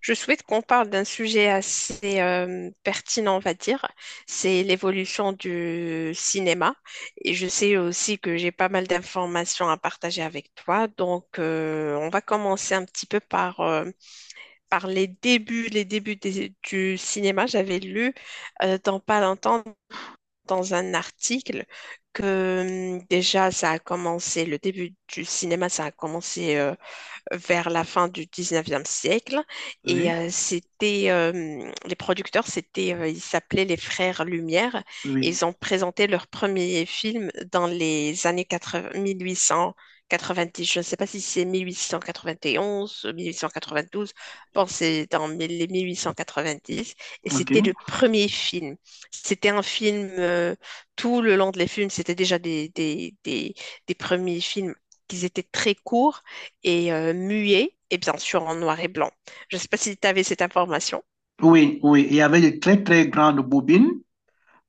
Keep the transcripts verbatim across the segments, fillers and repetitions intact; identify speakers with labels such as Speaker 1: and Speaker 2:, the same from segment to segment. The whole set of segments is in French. Speaker 1: Je souhaite qu'on parle d'un sujet assez euh, pertinent, on va dire. C'est l'évolution du cinéma. Et je sais aussi que j'ai pas mal d'informations à partager avec toi. Donc, euh, on va commencer un petit peu par, euh, par les débuts, les débuts des- du cinéma. J'avais lu euh, dans pas longtemps dans un article que hum, déjà ça a commencé, le début du cinéma, ça a commencé euh, vers la fin du dix-neuvième siècle. Et
Speaker 2: Oui,
Speaker 1: euh, c'était, euh, les producteurs, c'était, euh, ils s'appelaient les Frères Lumière. Et
Speaker 2: oui,
Speaker 1: ils ont présenté leur premier film dans les années quatre-vingts mille huit cent quatre-vingt-dix. Je ne sais pas si c'est mille huit cent quatre-vingt-onze, mille huit cent quatre-vingt-douze. Bon, c'est dans les mille huit cent quatre-vingt-dix. Et
Speaker 2: ok.
Speaker 1: c'était le premier film. C'était un film, euh, tout le long de les films, c'était déjà des, des, des, des premiers films qui étaient très courts et euh, muet et bien sûr en noir et blanc. Je ne sais pas si tu avais cette information.
Speaker 2: Oui, oui, il y avait de très, très grandes bobines,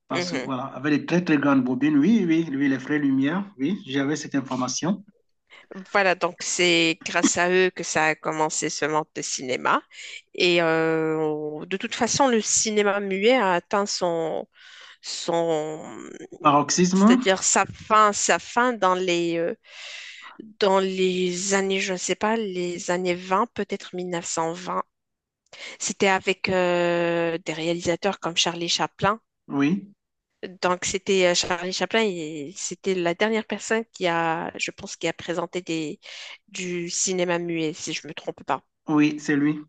Speaker 2: parce que
Speaker 1: Mhm.
Speaker 2: voilà, avec de très, très grandes bobines, oui, oui, oui, les frais Lumière, oui, j'avais cette information.
Speaker 1: Voilà, donc c'est grâce à eux que ça a commencé ce monde de cinéma. Et euh, de toute façon, le cinéma muet a atteint son, son,
Speaker 2: Paroxysme,
Speaker 1: c'est-à-dire sa fin, sa fin dans les, euh, dans les années, je ne sais pas, les années vingt peut-être mille neuf cent vingt. C'était avec euh, des réalisateurs comme Charlie Chaplin.
Speaker 2: oui,
Speaker 1: Donc, c'était euh, Charlie Chaplin et c'était la dernière personne qui a, je pense, qui a présenté des, du cinéma muet, si je ne me trompe pas.
Speaker 2: oui, c'est lui.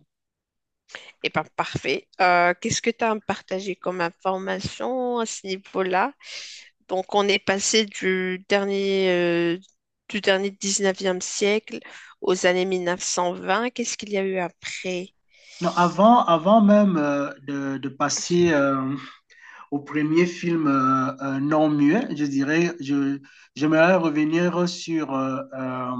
Speaker 1: Eh bien, parfait. Euh, qu'est-ce que tu as à me partager comme information à ce niveau-là? Donc, on est passé du dernier, euh, du dernier dix-neuvième siècle aux années mille neuf cent vingt. Qu'est-ce qu'il y a eu après?
Speaker 2: Non, avant, avant même euh, de, de passer euh, au premier film euh, euh, non muet, je dirais, je, j'aimerais revenir sur euh, euh,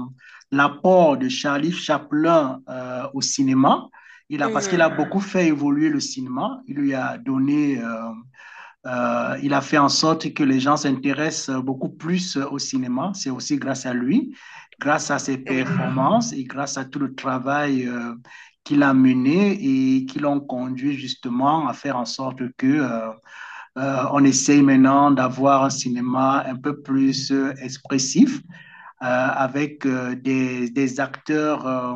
Speaker 2: l'apport de Charlie Chaplin euh, au cinéma. Il a, parce qu'il a
Speaker 1: Mhm,
Speaker 2: beaucoup fait évoluer le cinéma. Il lui a donné, euh, euh, il a fait en sorte que les gens s'intéressent beaucoup plus au cinéma. C'est aussi grâce à lui, grâce à ses
Speaker 1: oui,
Speaker 2: performances et grâce à tout le travail euh, qu'il a mené et qui l'ont conduit justement à faire en sorte que euh, euh, on essaye maintenant d'avoir un cinéma un peu plus euh, expressif, euh, avec euh, des, des, acteurs euh,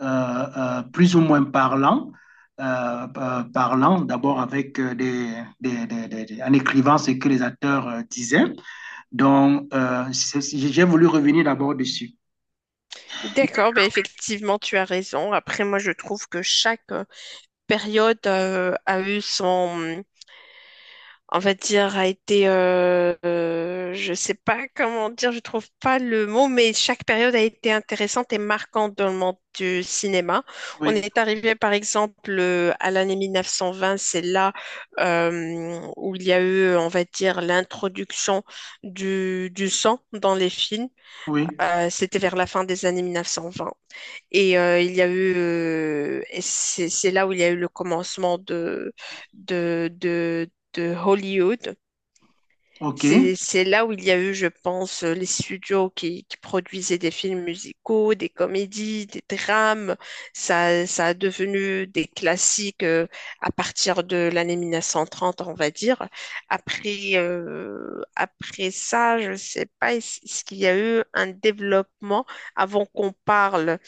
Speaker 2: euh, euh, plus ou moins parlants. Euh, euh, parlants, d'abord avec euh, des, des, des, des, en écrivant ce que les acteurs euh, disaient. Donc, euh, j'ai voulu revenir d'abord dessus.
Speaker 1: d'accord, ben effectivement, tu as raison. Après, moi, je trouve que chaque euh, période euh, a eu son, on va dire, a été, euh, euh, je sais pas comment dire, je trouve pas le mot, mais chaque période a été intéressante et marquante dans le monde du cinéma. On
Speaker 2: Oui,
Speaker 1: est arrivé, par exemple, euh, à l'année mille neuf cent vingt, c'est là euh, où il y a eu, on va dire, l'introduction du, du sang dans les films.
Speaker 2: oui,
Speaker 1: Euh, c'était vers la fin des années mille neuf cent vingt. Et euh, il y a eu, euh, et c'est c'est là où il y a eu le commencement de, de, de de Hollywood.
Speaker 2: ok.
Speaker 1: c'est, c'est là où il y a eu, je pense, euh, les studios qui, qui produisaient des films musicaux, des comédies, des drames. Ça, ça a devenu des classiques euh, à partir de l'année mille neuf cent trente, on va dire. Après, euh, après ça, je sais pas, est-ce est-ce qu'il y a eu un développement avant qu'on parle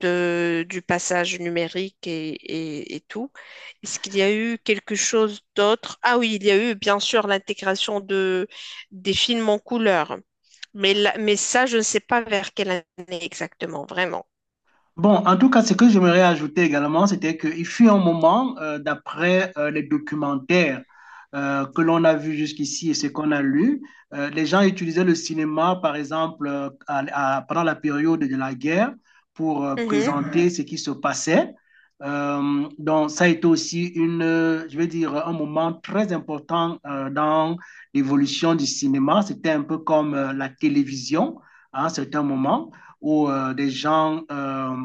Speaker 1: de, du passage numérique et, et et tout? Est-ce qu'il y a eu quelque chose d'autre? Ah oui, il y a eu bien sûr l'intégration de, des films en couleur. Mais, là- mais ça, je ne sais pas vers quelle année exactement, vraiment.
Speaker 2: Bon, en tout cas, ce que j'aimerais ajouter également, c'était qu'il fut un moment, euh, d'après euh, les documentaires euh, que l'on a vus jusqu'ici et ce qu'on a lu, euh, les gens utilisaient le cinéma, par exemple, euh, à- à- pendant la période de la guerre pour euh,
Speaker 1: Mhm.
Speaker 2: présenter ce qui se passait. Euh, donc, ça a été aussi une, euh, je vais dire, un moment très important euh, dans l'évolution du cinéma. C'était un peu comme euh, la télévision à un certain moment où euh, des gens euh,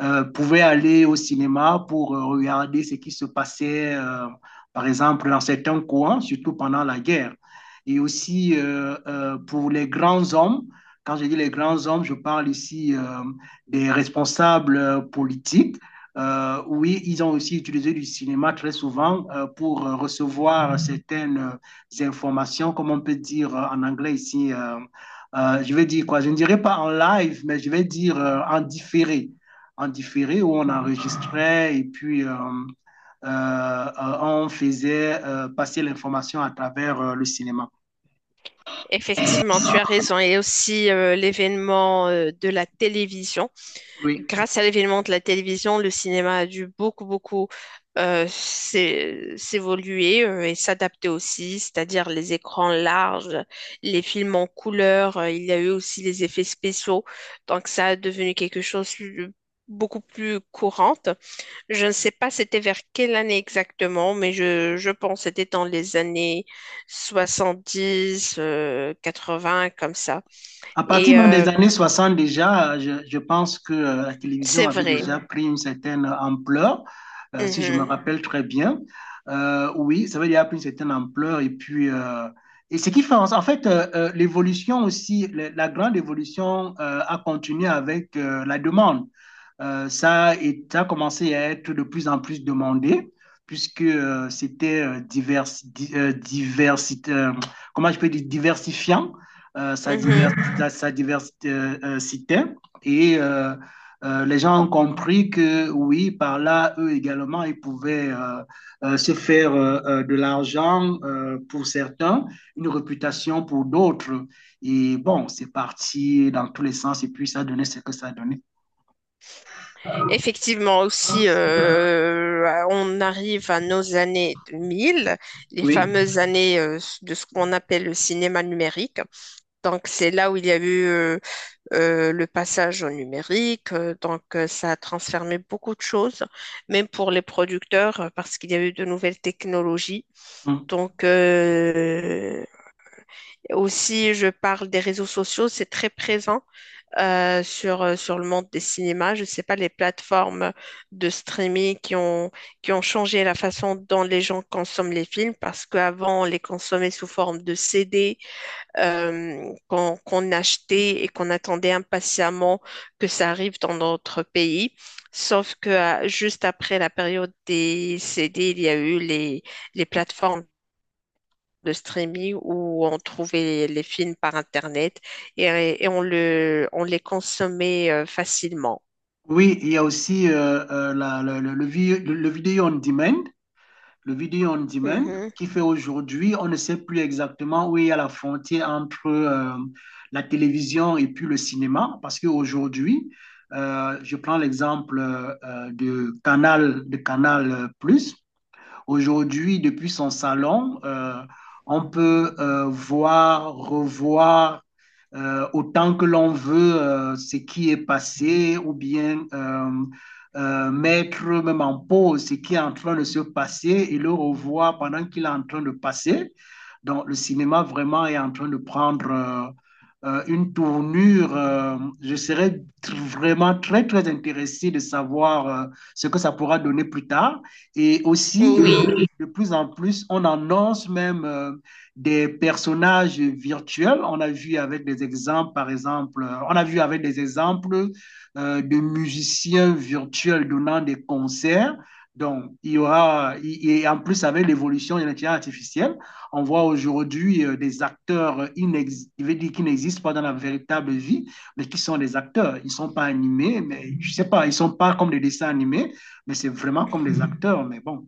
Speaker 2: euh, pouvaient aller au cinéma pour euh, regarder ce qui se passait, euh, par exemple, dans certains coins, surtout pendant la guerre. Et aussi euh, euh, pour les grands hommes, quand je dis les grands hommes, je parle ici euh, des responsables euh, politiques. Euh, oui, ils ont aussi utilisé du cinéma très souvent euh, pour euh, recevoir certaines euh, informations, comme on peut dire euh, en anglais ici, euh, euh, je vais dire quoi, je ne dirais pas en live, mais je vais dire euh, en différé. En différé, où on enregistrait et puis euh, euh, euh, on faisait euh, passer l'information à travers euh, le cinéma.
Speaker 1: Effectivement, tu as raison. Et aussi euh, l'événement euh, de la télévision.
Speaker 2: Oui.
Speaker 1: Grâce à l'événement de la télévision, le cinéma a dû beaucoup, beaucoup euh, s'é- s'évoluer euh, et s'adapter aussi, c'est-à-dire les écrans larges, les films en couleur. Euh, il y a eu aussi les effets spéciaux. Donc ça a devenu quelque chose de beaucoup plus courante. Je ne sais pas c'était vers quelle année exactement, mais je, je pense que c'était dans les années soixante-dix, euh, vingts comme ça.
Speaker 2: À partir
Speaker 1: Et
Speaker 2: même des
Speaker 1: euh,
Speaker 2: années soixante déjà, je, je pense que euh, la télévision
Speaker 1: c'est
Speaker 2: avait
Speaker 1: vrai.
Speaker 2: déjà pris une certaine ampleur, euh, si je me
Speaker 1: Mhm,
Speaker 2: rappelle très bien. Euh, oui, ça avait déjà pris une certaine ampleur. Et puis, euh, et ce qui fait, en en fait, euh, euh, l'évolution aussi, la, la grande évolution euh, a continué avec euh, la demande. Euh, ça, est- ça a commencé à être de plus en plus demandé, puisque euh, c'était euh, divers, di- euh, diversité, euh, comment je peux dire, diversifiant, euh, ça,
Speaker 1: mhm.
Speaker 2: divers, ça, ça diversité, euh, euh, citait. Et euh, euh, les gens ont compris que oui, par là, eux également, ils pouvaient euh, euh, se faire euh, euh, de l'argent euh, pour certains, une réputation pour d'autres. Et bon, c'est parti dans tous les sens, et puis ça a donné ce que ça a donné.
Speaker 1: Effectivement, aussi, euh, on arrive à nos années deux mille, les
Speaker 2: Oui.
Speaker 1: fameuses années euh, de ce qu'on appelle le cinéma numérique. Donc, c'est là où il y a eu euh, euh, le passage au numérique. Euh, donc, euh, ça a transformé beaucoup de choses, même pour les producteurs, euh, parce qu'il y a eu de nouvelles technologies.
Speaker 2: Mhm.
Speaker 1: Donc, euh, aussi, je parle des réseaux sociaux, c'est très présent euh, sur, euh, sur le monde des cinémas. Je ne sais pas, les plateformes de streaming qui ont, qui ont changé la façon dont les gens consomment les films, parce qu'avant, on les consommait sous forme de C D euh, qu'on qu'on achetait et qu'on attendait impatiemment que ça arrive dans notre pays. Sauf que ah, juste après la période des C D, il y a eu les, les plateformes de streaming où on trouvait les films par Internet et, et on le, on les consommait euh, facilement.
Speaker 2: Oui, il y a aussi euh, euh, la- le, le- le vi- le vidéo on demand, le vidéo on demand,
Speaker 1: Mhm.
Speaker 2: qui fait aujourd'hui, on ne sait plus exactement où il y a la frontière entre euh, la télévision et puis le cinéma, parce qu'aujourd'hui, euh, je prends l'exemple euh, euh, de Canal, de Canal+, Plus. Aujourd'hui, depuis son salon, euh, on peut euh, voir, revoir euh, autant que l'on veut euh, ce qui est passé ou bien euh, euh, mettre même en pause ce qui est en train de se passer et le revoir pendant qu'il est en train de passer. Donc, le cinéma vraiment est en train de prendre euh, euh, une tournure. Euh, je serais vraiment très, très intéressé de savoir euh, ce que ça pourra donner plus tard. Et aussi, euh,
Speaker 1: Oui.
Speaker 2: de plus en plus, on annonce même euh, des personnages virtuels. On a vu avec des exemples, par exemple, euh, on a vu avec des exemples euh, de musiciens virtuels donnant des concerts. Donc, il y aura, et en plus avec l'évolution de l'intelligence artificielle, on voit aujourd'hui euh, des acteurs inex- je vais dire qui n'existent pas dans la véritable vie, mais qui sont des acteurs. Ils ne sont pas animés, mais je ne sais pas, ils ne sont pas comme des dessins animés, mais c'est vraiment comme les acteurs, mais bon.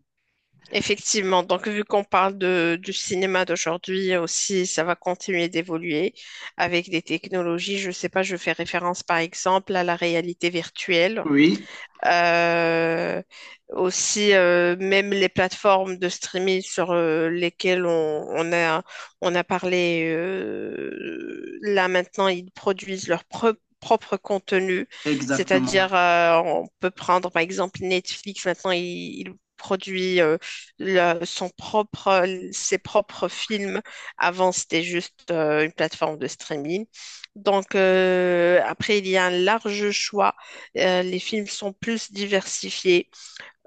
Speaker 1: Effectivement, donc vu qu'on parle de, du cinéma d'aujourd'hui aussi, ça va continuer d'évoluer avec des technologies. Je ne sais pas, je fais référence par exemple à la réalité virtuelle.
Speaker 2: Oui,
Speaker 1: Euh, Aussi, euh, même les plateformes de streaming sur euh, lesquelles on, on a, on a parlé, euh, là maintenant, ils produisent leur pro- propre contenu.
Speaker 2: exactement.
Speaker 1: C'est-à-dire, euh, on peut prendre par exemple Netflix, maintenant, il, il produit euh, le- son propre, ses propres films. Avant, c'était juste euh, une plateforme de streaming. Donc, euh, après, il y a un large choix euh, les films sont plus diversifiés.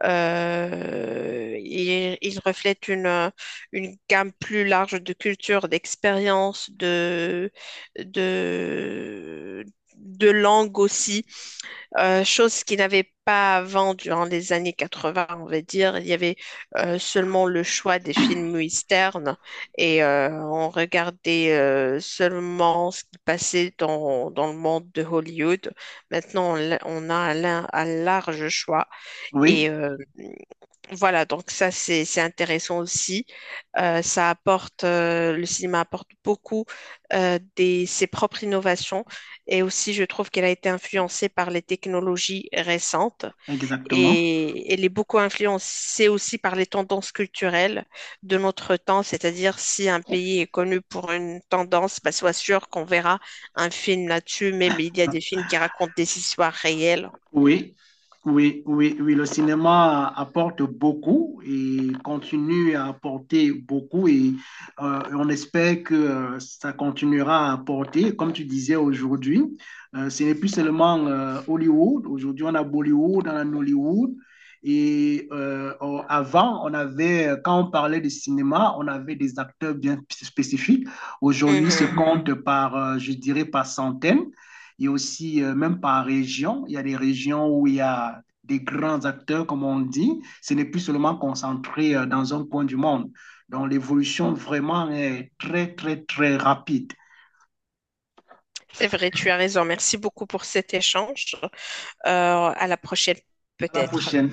Speaker 1: Euh, ils, ils reflètent une, une gamme plus large de cultures, d'expériences, de, de, de langue aussi euh, chose qu'il n'avait pas avant durant les années quatre-vingts, on va dire. Il y avait euh, seulement le choix des films westerns et euh, on regardait euh, seulement ce qui passait dans, dans le monde de Hollywood. Maintenant, on, l'a- on a un, lin- un large choix
Speaker 2: Oui,
Speaker 1: et euh, voilà, donc ça, c'est, c'est intéressant aussi. Euh, ça apporte, euh, le cinéma apporte beaucoup euh, des, ses propres innovations. Et aussi, je trouve qu'elle a été influencée par les technologies récentes.
Speaker 2: exactement.
Speaker 1: Et elle est beaucoup influencée aussi par les tendances culturelles de notre temps. C'est-à-dire, si un pays est connu pour une tendance, bah, sois sûr qu'on verra un film là-dessus. Même il y a des films qui racontent des histoires réelles.
Speaker 2: Oui, oui, oui, oui, le cinéma apporte beaucoup et continue à apporter beaucoup et euh, on espère que euh, ça continuera à apporter. Comme tu disais aujourd'hui, euh, ce n'est plus seulement euh, Hollywood. Aujourd'hui, on a Bollywood, on a Nollywood. Et euh, on- avant, on avait, quand on parlait de cinéma, on avait des acteurs bien spécifiques. Aujourd'hui, se
Speaker 1: Mhm.
Speaker 2: compte par, euh, je dirais, par centaines. Il y a aussi, euh, même par région, il y a des régions où il y a des grands acteurs, comme on dit. Ce n'est plus seulement concentré euh, dans un coin du monde. Donc, l'évolution vraiment est très, très, très rapide.
Speaker 1: C'est vrai, tu as raison. Merci beaucoup pour cet échange. Euh, à la prochaine,
Speaker 2: À la
Speaker 1: peut-être.
Speaker 2: prochaine.